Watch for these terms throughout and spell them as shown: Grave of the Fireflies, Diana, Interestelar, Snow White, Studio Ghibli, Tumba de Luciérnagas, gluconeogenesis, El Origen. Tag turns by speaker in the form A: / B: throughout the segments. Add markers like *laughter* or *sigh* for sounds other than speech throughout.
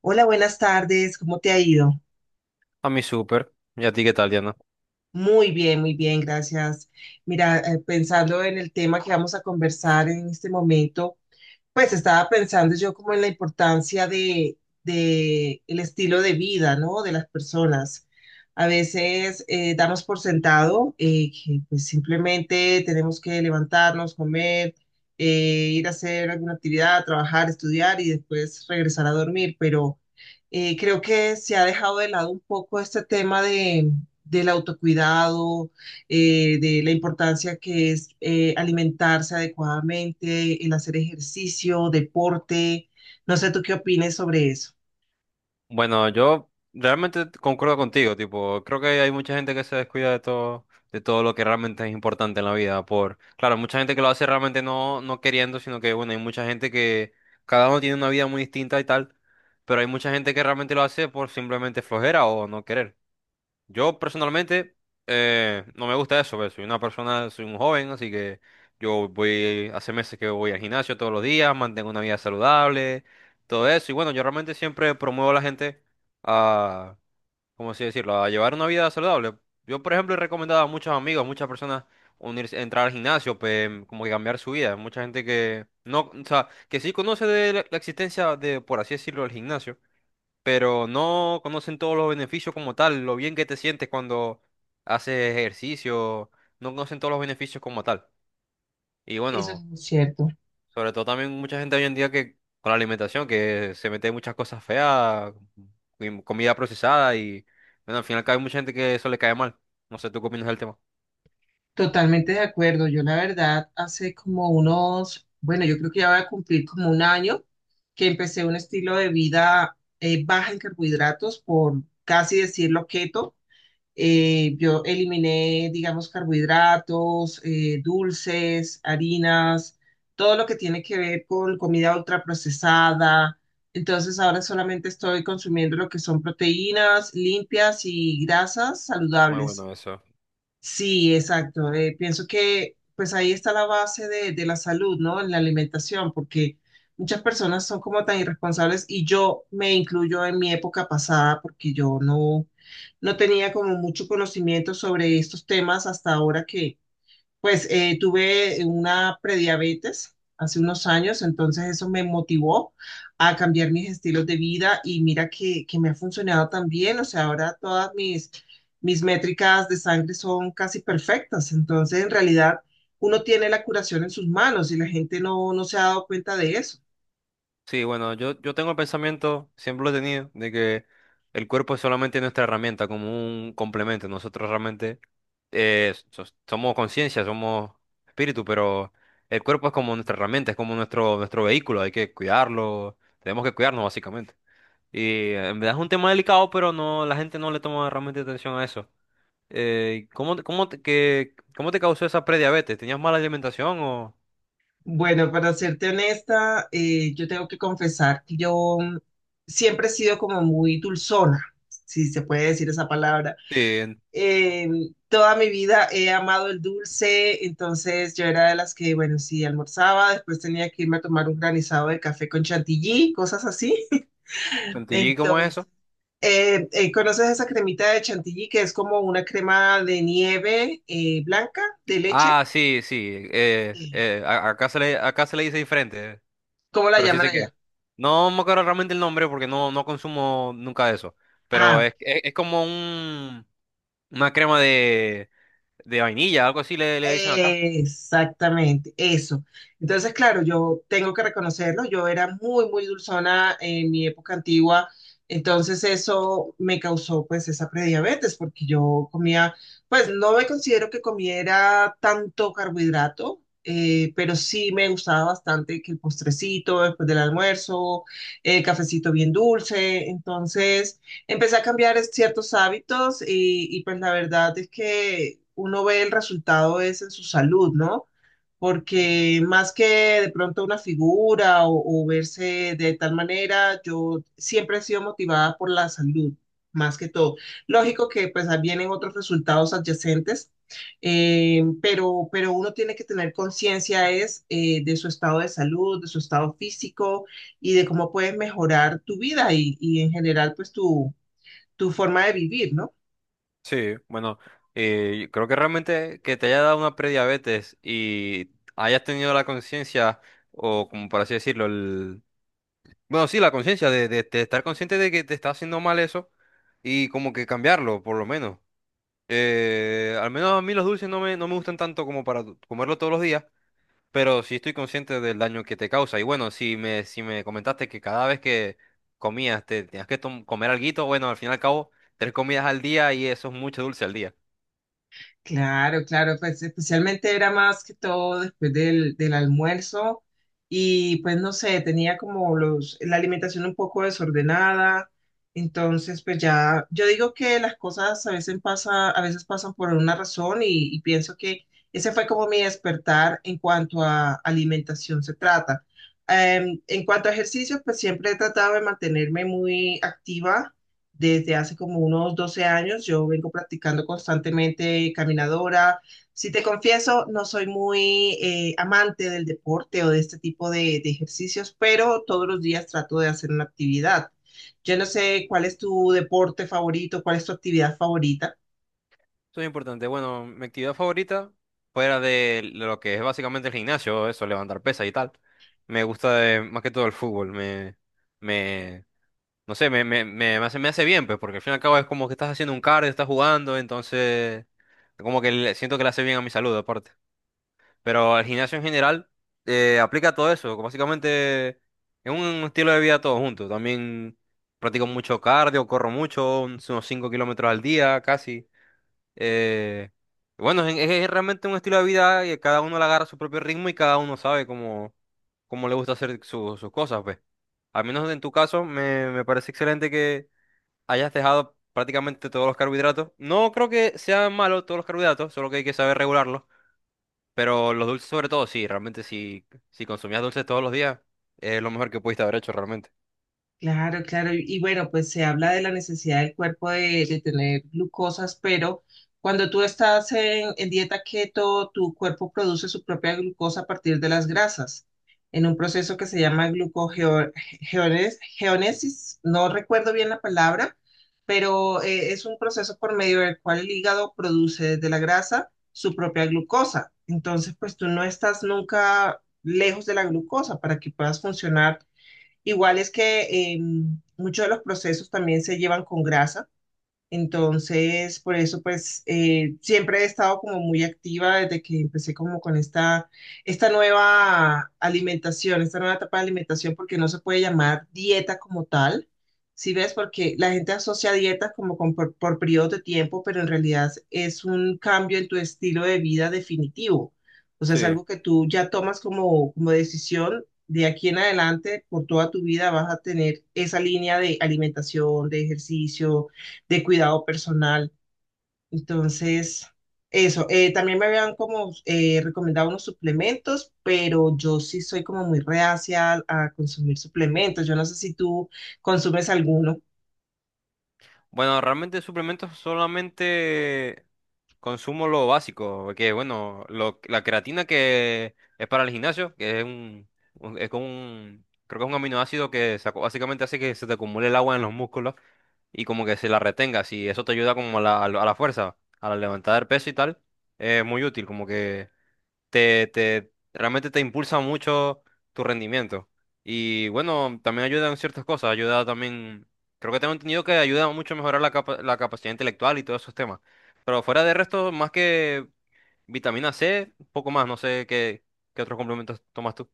A: Hola, buenas tardes, ¿cómo te ha ido?
B: A mí súper. ¿Y a ti qué tal, Diana?
A: Muy bien, gracias. Mira, pensando en el tema que vamos a conversar en este momento, pues estaba pensando yo como en la importancia de el estilo de vida, ¿no? De las personas. A veces damos por sentado que pues, simplemente tenemos que levantarnos, comer, ir a hacer alguna actividad, trabajar, estudiar y después regresar a dormir. Pero creo que se ha dejado de lado un poco este tema de, del autocuidado, de la importancia que es alimentarse adecuadamente, el hacer ejercicio, deporte. No sé tú qué opines sobre eso.
B: Bueno, yo realmente concuerdo contigo, tipo, creo que hay mucha gente que se descuida de todo lo que realmente es importante en la vida, por, claro, mucha gente que lo hace realmente no, no queriendo, sino que, bueno, hay mucha gente que cada uno tiene una vida muy distinta y tal, pero hay mucha gente que realmente lo hace por simplemente flojera o no querer. Yo personalmente no me gusta eso, ¿ves? Soy una persona, soy un joven, así que yo voy, hace meses que voy al gimnasio todos los días, mantengo una vida saludable, todo eso. Y bueno, yo realmente siempre promuevo a la gente a, ¿cómo así decirlo?, a llevar una vida saludable. Yo, por ejemplo, he recomendado a muchos amigos, muchas personas unirse, entrar al gimnasio, como que cambiar su vida. Mucha gente que no, o sea, que sí conoce de la existencia de, por así decirlo, el gimnasio, pero no conocen todos los beneficios como tal, lo bien que te sientes cuando haces ejercicio, no conocen todos los beneficios como tal. Y
A: Eso es
B: bueno,
A: muy cierto.
B: sobre todo también mucha gente hoy en día que con la alimentación, que se mete muchas cosas feas, comida procesada y bueno, al final cae mucha gente que eso le cae mal. No sé, ¿tú qué opinas del tema?
A: Totalmente de acuerdo. Yo la verdad hace como unos, bueno, yo creo que ya voy a cumplir como un año que empecé un estilo de vida baja en carbohidratos, por casi decirlo, keto. Yo eliminé, digamos, carbohidratos, dulces, harinas, todo lo que tiene que ver con comida ultraprocesada. Entonces ahora solamente estoy consumiendo lo que son proteínas limpias y grasas
B: Muy
A: saludables.
B: bueno eso.
A: Sí, exacto. Pienso que pues ahí está la base de la salud, ¿no? En la alimentación, porque muchas personas son como tan irresponsables y yo me incluyo en mi época pasada porque yo no tenía como mucho conocimiento sobre estos temas hasta ahora que. Pues tuve una prediabetes hace unos años, entonces eso me motivó a cambiar mis estilos de vida y mira que me ha funcionado también, o sea, ahora todas mis, mis métricas de sangre son casi perfectas, entonces en realidad uno tiene la curación en sus manos y la gente no se ha dado cuenta de eso.
B: Sí, bueno, yo tengo el pensamiento, siempre lo he tenido, de que el cuerpo es solamente nuestra herramienta, como un complemento. Nosotros realmente somos conciencia, somos espíritu, pero el cuerpo es como nuestra herramienta, es como nuestro, nuestro vehículo, hay que cuidarlo, tenemos que cuidarnos básicamente. Y en verdad es un tema delicado, pero no, la gente no le toma realmente atención a eso. ¿ cómo te causó esa prediabetes? ¿Tenías mala alimentación o...?
A: Bueno, para serte honesta, yo tengo que confesar que yo siempre he sido como muy dulzona, si se puede decir esa palabra.
B: Sí, en-
A: Eh, toda mi vida he amado el dulce, entonces yo era de las que, bueno, sí, almorzaba, después tenía que irme a tomar un granizado de café con chantilly, cosas así. *laughs*
B: ¿Chantilly cómo es
A: Entonces,
B: eso?
A: ¿conoces esa cremita de chantilly que es como una crema de nieve blanca de leche?
B: Ah, sí, sí.
A: Eh,
B: Acá se le, acá se le dice diferente,
A: ¿Cómo la
B: pero sí
A: llaman
B: sé qué.
A: allá?
B: No me acuerdo realmente el nombre porque no, no consumo nunca eso. Pero
A: Ah,
B: es como un, una crema de vainilla, algo así le, le dicen acá.
A: exactamente, eso. Entonces, claro, yo tengo que reconocerlo, yo era muy, muy dulzona en mi época antigua, entonces eso me causó pues esa prediabetes, porque yo comía, pues no me considero que comiera tanto carbohidrato, pero sí me gustaba bastante que el postrecito después del almuerzo, el cafecito bien dulce, entonces... empecé a cambiar ciertos hábitos y pues la verdad es que uno ve el resultado es en su salud, ¿no? Porque más que de pronto una figura o verse de tal manera, yo siempre he sido motivada por la salud, más que todo. Lógico que pues ahí vienen otros resultados adyacentes, pero uno tiene que tener conciencia es de su estado de salud, de su estado físico y de cómo puedes mejorar tu vida y en general pues tu tu forma de vivir, ¿no?
B: Sí, bueno, yo creo que realmente que te haya dado una prediabetes y hayas tenido la conciencia, o como por así decirlo, el... Bueno, sí, la conciencia de, de estar consciente de que te está haciendo mal eso y como que cambiarlo, por lo menos. Al menos a mí los dulces no me gustan tanto como para comerlo todos los días, pero sí estoy consciente del daño que te causa. Y bueno, si me comentaste que cada vez que comías te tenías que comer alguito, bueno, al fin y al cabo, tres comidas al día y eso es mucho dulce al día.
A: Claro, claro, pues especialmente era más que todo después del almuerzo y pues no sé, tenía como los, la alimentación un poco desordenada, entonces pues ya, yo digo que las cosas a veces pasan por una razón y pienso que ese fue como mi despertar en cuanto a alimentación se trata. En cuanto a ejercicios, pues siempre he tratado de mantenerme muy activa. Desde hace como unos 12 años yo vengo practicando constantemente caminadora. Si te confieso, no soy muy amante del deporte o de este tipo de ejercicios, pero todos los días trato de hacer una actividad. Yo no sé cuál es tu deporte favorito, cuál es tu actividad favorita.
B: Eso es importante. Bueno, mi actividad favorita, fuera de lo que es básicamente el gimnasio, eso, levantar pesas y tal, me gusta más que todo el fútbol. Me No sé, me, me hace bien, pues, porque al fin y al cabo es como que estás haciendo un cardio, estás jugando, entonces como que siento que le hace bien a mi salud, aparte. Pero el gimnasio en general aplica todo eso, que básicamente es un estilo de vida todo junto. También practico mucho cardio, corro mucho, unos 5 km al día casi. Eh, bueno, es realmente un estilo de vida y cada uno le agarra su propio ritmo y cada uno sabe cómo, cómo le gusta hacer sus cosas, pues. Al menos en tu caso, me parece excelente que hayas dejado prácticamente todos los carbohidratos. No creo que sean malos todos los carbohidratos, solo que hay que saber regularlos. Pero los dulces sobre todo, sí, realmente si consumías dulces todos los días, es lo mejor que pudiste haber hecho realmente.
A: Claro, claro. Y bueno, pues se habla de la necesidad del cuerpo de tener glucosas, pero cuando tú estás en dieta keto, tu cuerpo produce su propia glucosa a partir de las grasas, en un proceso que se llama glucogeonesis. No recuerdo bien la palabra, pero es un proceso por medio del cual el hígado produce de la grasa su propia glucosa. Entonces, pues tú no estás nunca lejos de la glucosa para que puedas funcionar. Igual es que eh, muchos de los procesos también se llevan con grasa, entonces, por eso, pues, siempre he estado como muy activa desde que empecé como con esta, esta nueva alimentación, esta nueva etapa de alimentación, porque no se puede llamar dieta como tal, ¿sí ves? Porque la gente asocia dietas como con, por periodos de tiempo, pero en realidad es un cambio en tu estilo de vida definitivo. O sea, es
B: Sí.
A: algo que tú ya tomas como, como decisión. De aquí en adelante, por toda tu vida, vas a tener esa línea de alimentación, de ejercicio, de cuidado personal. Entonces, eso. También me habían como recomendado unos suplementos, pero yo sí soy como muy reacia a consumir suplementos. Yo no sé si tú consumes alguno.
B: Bueno, realmente suplementos solamente consumo lo básico, que bueno, la creatina que es para el gimnasio, que es un, es como un, creo que es un aminoácido que básicamente hace que se te acumule el agua en los músculos y como que se la retengas y eso te ayuda como a la, a la a la fuerza, a la levantada del peso y tal, es muy útil, como que te realmente te impulsa mucho tu rendimiento. Y bueno, también ayuda en ciertas cosas, ayuda también, creo que tengo entendido que ayuda mucho a mejorar la, la capacidad intelectual y todos esos temas. Pero fuera de resto, más que vitamina C, poco más, no sé qué, qué otros complementos tomas tú.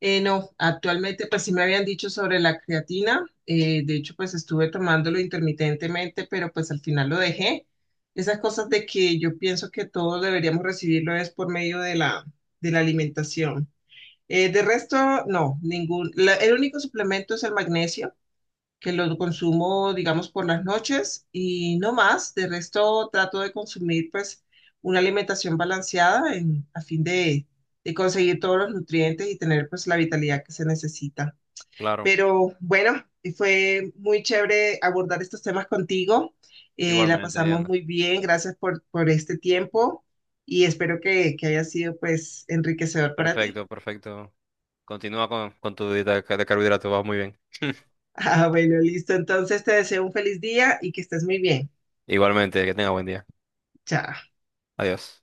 A: No, actualmente pues sí me habían dicho sobre la creatina. De hecho, pues estuve tomándolo intermitentemente, pero pues al final lo dejé. Esas cosas de que yo pienso que todos deberíamos recibirlo es por medio de la alimentación. De resto, no, ningún. El único suplemento es el magnesio, que lo consumo, digamos, por las noches y no más. De resto, trato de consumir, pues, una alimentación balanceada a fin de conseguir todos los nutrientes y tener, pues, la vitalidad que se necesita.
B: Claro,
A: Pero bueno, fue muy chévere abordar estos temas contigo. La
B: igualmente,
A: pasamos
B: Diana.
A: muy bien. Gracias por este tiempo y espero que haya sido, pues, enriquecedor para ti.
B: Perfecto, perfecto. Continúa con tu dieta de carbohidratos, vas muy bien. *laughs*
A: Ah, bueno, listo. Entonces te deseo un feliz día y que estés muy bien.
B: Igualmente, que tenga buen día.
A: Chao.
B: Adiós.